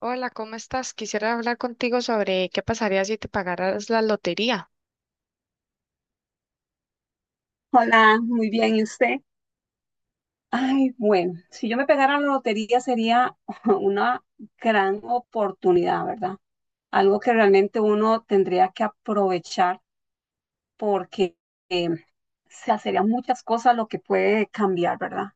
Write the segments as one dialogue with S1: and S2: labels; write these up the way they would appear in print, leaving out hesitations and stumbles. S1: Hola, ¿cómo estás? Quisiera hablar contigo sobre qué pasaría si te pagaras la lotería.
S2: Hola, muy bien. ¿Y usted? Ay, bueno, si yo me pegara la lotería sería una gran oportunidad, ¿verdad? Algo que realmente uno tendría que aprovechar porque eh, se hacerían muchas cosas lo que puede cambiar, ¿verdad?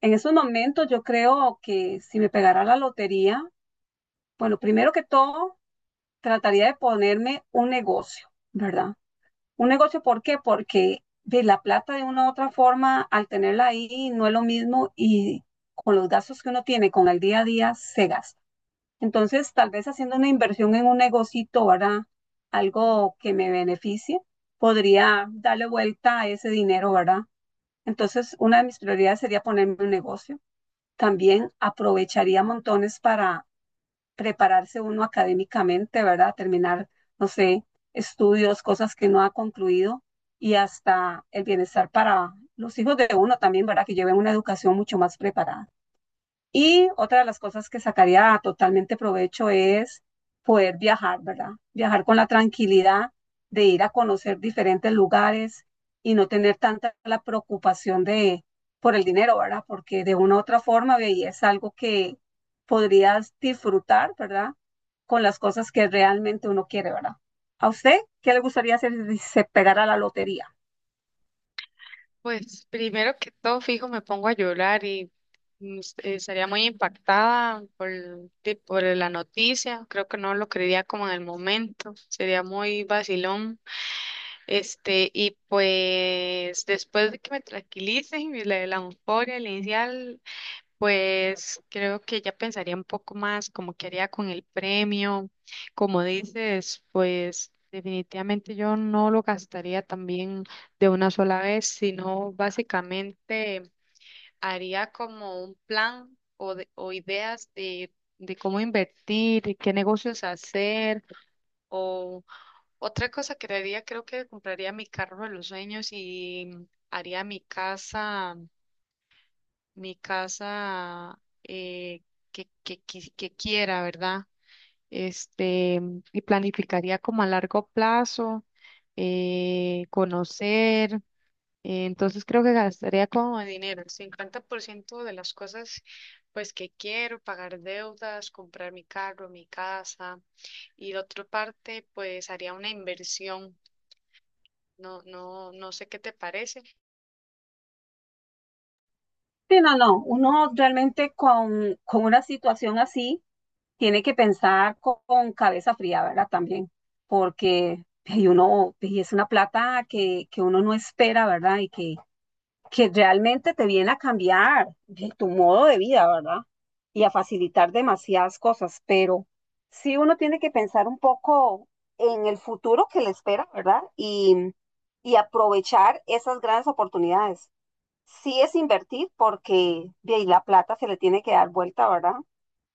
S2: En esos momentos yo creo que si me pegara la lotería, bueno, primero que todo, trataría de ponerme un negocio, ¿verdad? Un negocio, ¿por qué? Porque de la plata de una u otra forma, al tenerla ahí, no es lo mismo y con los gastos que uno tiene, con el día a día, se gasta. Entonces, tal vez haciendo una inversión en un negocito, ¿verdad? Algo que me beneficie, podría darle vuelta a ese dinero, ¿verdad? Entonces, una de mis prioridades sería ponerme un negocio. También aprovecharía montones para prepararse uno académicamente, ¿verdad? Terminar, no sé, estudios, cosas que no ha concluido y hasta el bienestar para los hijos de uno también, ¿verdad? Que lleven una educación mucho más preparada. Y otra de las cosas que sacaría totalmente provecho es poder viajar, ¿verdad? Viajar con la tranquilidad de ir a conocer diferentes lugares y no tener tanta la preocupación de por el dinero, ¿verdad? Porque de una u otra forma, ve, y es algo que podrías disfrutar, ¿verdad? Con las cosas que realmente uno quiere, ¿verdad? ¿A usted qué le gustaría hacer si se pegara la lotería?
S1: Pues primero que todo, fijo, me pongo a llorar y estaría muy impactada por la noticia. Creo que no lo creería como en el momento. Sería muy vacilón. Este, y pues después de que me tranquilice y la euforia inicial, pues creo que ya pensaría un poco más como qué haría con el premio. Como dices, pues definitivamente yo no lo gastaría también de una sola vez, sino básicamente haría como un plan o ideas de cómo invertir y qué negocios hacer. O otra cosa que haría, creo que compraría mi carro de los sueños y haría mi casa eh, que quiera, ¿verdad? Este, y planificaría como a largo plazo, conocer. Eh, entonces creo que gastaría como dinero el 50% de las cosas pues que quiero, pagar deudas, comprar mi carro, mi casa, y la otra parte pues haría una inversión. No sé qué te parece.
S2: Sí, no, no. Uno realmente con una situación así tiene que pensar con cabeza fría, ¿verdad? También, porque y uno y es una plata que uno no espera, ¿verdad? Y que realmente te viene a cambiar de tu modo de vida, ¿verdad? Y a facilitar demasiadas cosas, pero sí uno tiene que pensar un poco en el futuro que le espera, ¿verdad? Y aprovechar esas grandes oportunidades. Sí es invertir porque de ahí la plata se le tiene que dar vuelta, ¿verdad?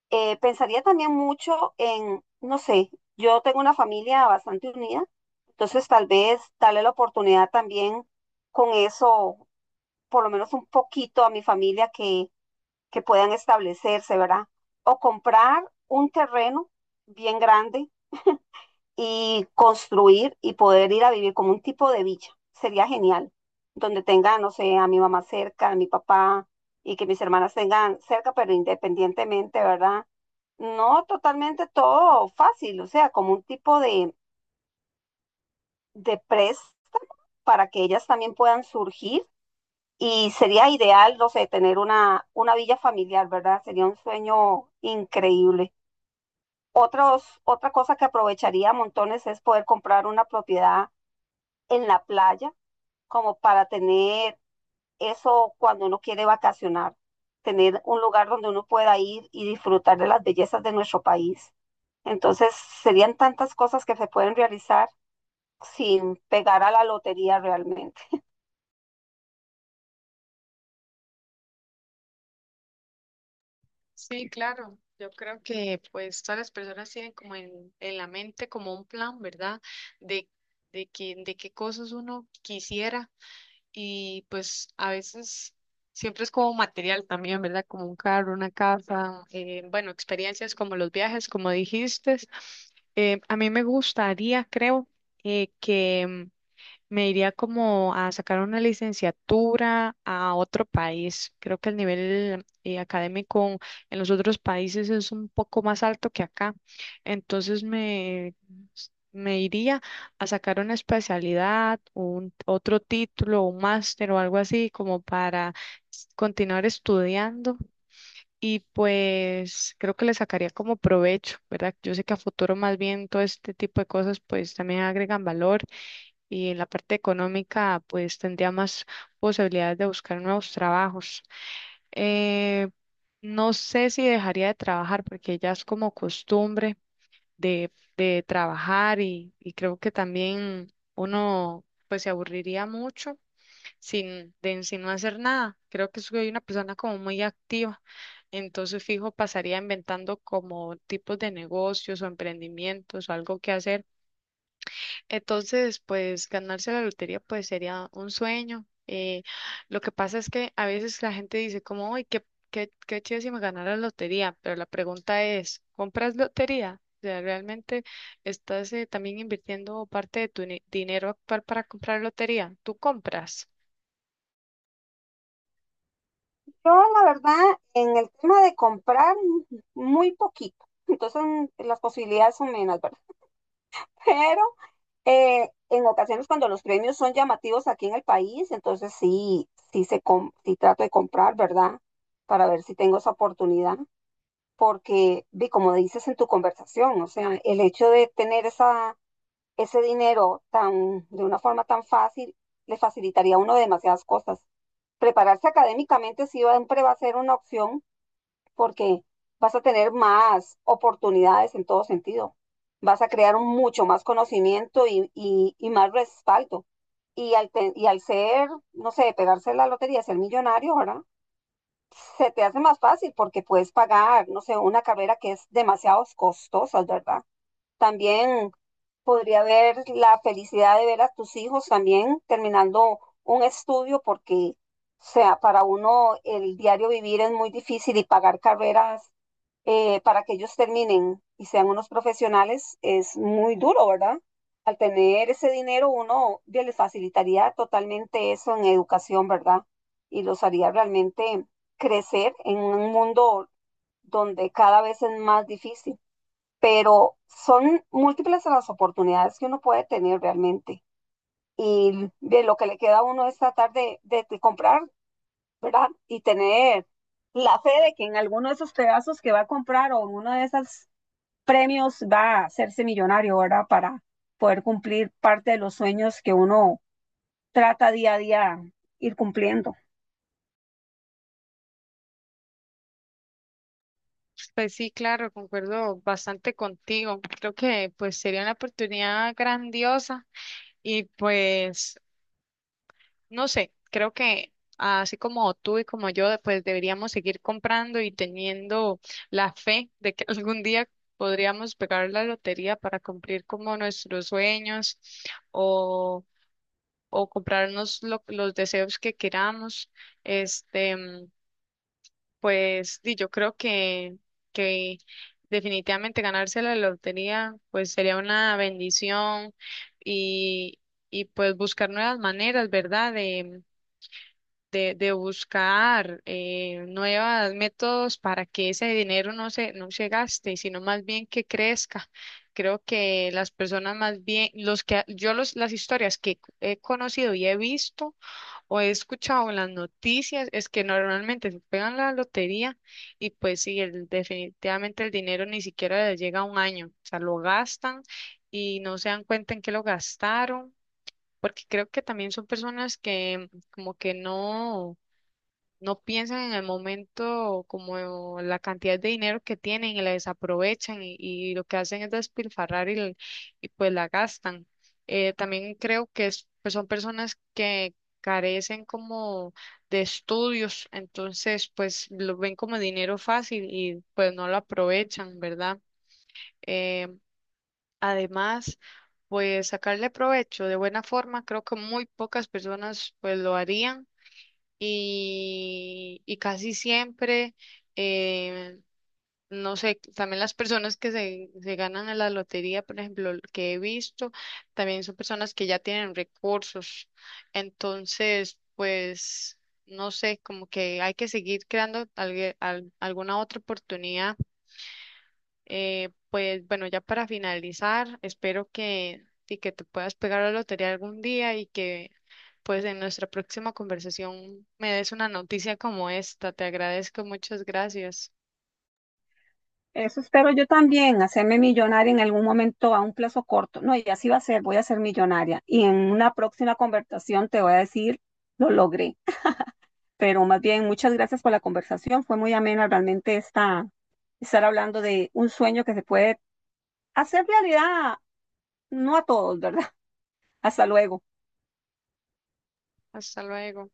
S2: Pensaría también mucho en, no sé, yo tengo una familia bastante unida, entonces tal vez darle la oportunidad también con eso por lo menos un poquito a mi familia que puedan establecerse, ¿verdad? O comprar un terreno bien grande y construir y poder ir a vivir como un tipo de villa. Sería genial, donde tenga, no sé, a mi mamá cerca, a mi papá y que mis hermanas tengan cerca, pero independientemente, ¿verdad? No totalmente todo fácil, o sea, como un tipo de préstamo para que ellas también puedan surgir. Y sería ideal, no sé, tener una villa familiar, ¿verdad? Sería un sueño increíble. Otra cosa que aprovecharía montones es poder comprar una propiedad en la playa, como para tener eso cuando uno quiere vacacionar, tener un lugar donde uno pueda ir y disfrutar de las bellezas de nuestro país. Entonces, serían tantas cosas que se pueden realizar sin pegar a la lotería realmente.
S1: Sí, claro. Yo creo que pues todas las personas tienen como en la mente como un plan, ¿verdad? De, de qué cosas uno quisiera y pues a veces siempre es como material también, ¿verdad? Como un carro, una casa, bueno, experiencias como los viajes, como dijiste. A mí me gustaría, creo, que me iría como a sacar una licenciatura a otro país. Creo que el nivel académico en los otros países es un poco más alto que acá. Entonces, me iría a sacar una especialidad, otro título, un máster o algo así como para continuar estudiando. Y pues creo que le sacaría como provecho, ¿verdad? Yo sé que a futuro más bien todo este tipo de cosas pues también agregan valor y en la parte económica pues tendría más posibilidades de buscar nuevos trabajos. Eh, no sé si dejaría de trabajar porque ya es como costumbre de, de trabajar y creo que también uno pues se aburriría mucho sin no hacer nada. Creo que soy una persona como muy activa, entonces fijo pasaría inventando como tipos de negocios o emprendimientos o algo que hacer. Entonces, pues ganarse la lotería pues sería un sueño. Lo que pasa es que a veces la gente dice como, uy, qué chido si me ganara la lotería, pero la pregunta es, ¿compras lotería? O sea, ¿realmente estás también invirtiendo parte de tu ni- dinero actual para comprar lotería? ¿Tú compras?
S2: Yo, la verdad, en el tema de comprar, muy poquito. Entonces, las posibilidades son menos, ¿verdad? Pero en ocasiones cuando los premios son llamativos aquí en el país, entonces sí, sí, sí trato de comprar, ¿verdad? Para ver si tengo esa oportunidad. Porque, vi, como dices en tu conversación, o sea, el hecho de tener esa, ese dinero tan, de una forma tan fácil, le facilitaría a uno demasiadas cosas. Prepararse académicamente sí siempre va a ser una opción porque vas a tener más oportunidades en todo sentido. Vas a crear un mucho más conocimiento y más respaldo. Y al ser, no sé, pegarse la lotería, ser millonario, ¿verdad? Se te hace más fácil porque puedes pagar, no sé, una carrera que es demasiado costosa, ¿verdad? También podría haber la felicidad de ver a tus hijos también terminando un estudio porque, o sea, para uno el diario vivir es muy difícil y pagar carreras para que ellos terminen y sean unos profesionales es muy duro, ¿verdad? Al tener ese dinero uno ya les facilitaría totalmente eso en educación, ¿verdad? Y los haría realmente crecer en un mundo donde cada vez es más difícil pero son múltiples las oportunidades que uno puede tener realmente. Y de lo que le queda a uno es tratar de comprar, ¿verdad? Y tener la fe de que en alguno de esos pedazos que va a comprar o en uno de esos premios va a hacerse millonario, ¿verdad? Para poder cumplir parte de los sueños que uno trata día a día ir cumpliendo.
S1: Pues sí, claro, concuerdo bastante contigo. Creo que pues sería una oportunidad grandiosa y pues... No sé, creo que así como tú y como yo, pues deberíamos seguir comprando y teniendo la fe de que algún día podríamos pegar la lotería para cumplir como nuestros sueños o, o comprarnos los deseos que queramos. Este, mm, pues y yo creo que definitivamente ganarse la lotería pues sería una bendición y, y pues buscar nuevas maneras, ¿verdad? De de, buscar nuevos métodos para que ese dinero no se gaste, sino más bien que crezca. Creo que las personas más bien, los que yo los, las historias que he conocido y he visto o he escuchado en las noticias es que normalmente se pegan la lotería y pues sí, definitivamente el dinero ni siquiera les llega a un año, o sea, lo gastan y no se dan cuenta en qué lo gastaron, porque creo que también son personas que como que no piensan en el momento como la cantidad de dinero que tienen y la desaprovechan y lo que hacen es despilfarrar y pues la gastan. También creo que pues son personas que carecen como de estudios, entonces pues lo ven como dinero fácil y pues no lo aprovechan, ¿verdad? Eh, Además, pues sacarle provecho de buena forma, creo que muy pocas personas pues lo harían y casi siempre, eh, no sé, también las personas que se ganan en la lotería, por ejemplo, que he visto, también son personas que ya tienen recursos. Entonces, pues, no sé, como que hay que seguir creando alguna otra oportunidad. Pues bueno, ya para finalizar, espero que, sí, que te puedas pegar a la lotería algún día y que pues en nuestra próxima conversación me des una noticia como esta. Te agradezco, muchas gracias.
S2: Eso espero yo también, hacerme millonaria en algún momento a un plazo corto. No, y así va a ser, voy a ser millonaria. Y en una próxima conversación te voy a decir, lo logré. Pero más bien, muchas gracias por la conversación. Fue muy amena realmente esta, estar hablando de un sueño que se puede hacer realidad, no a todos, ¿verdad? Hasta luego.
S1: Hasta luego.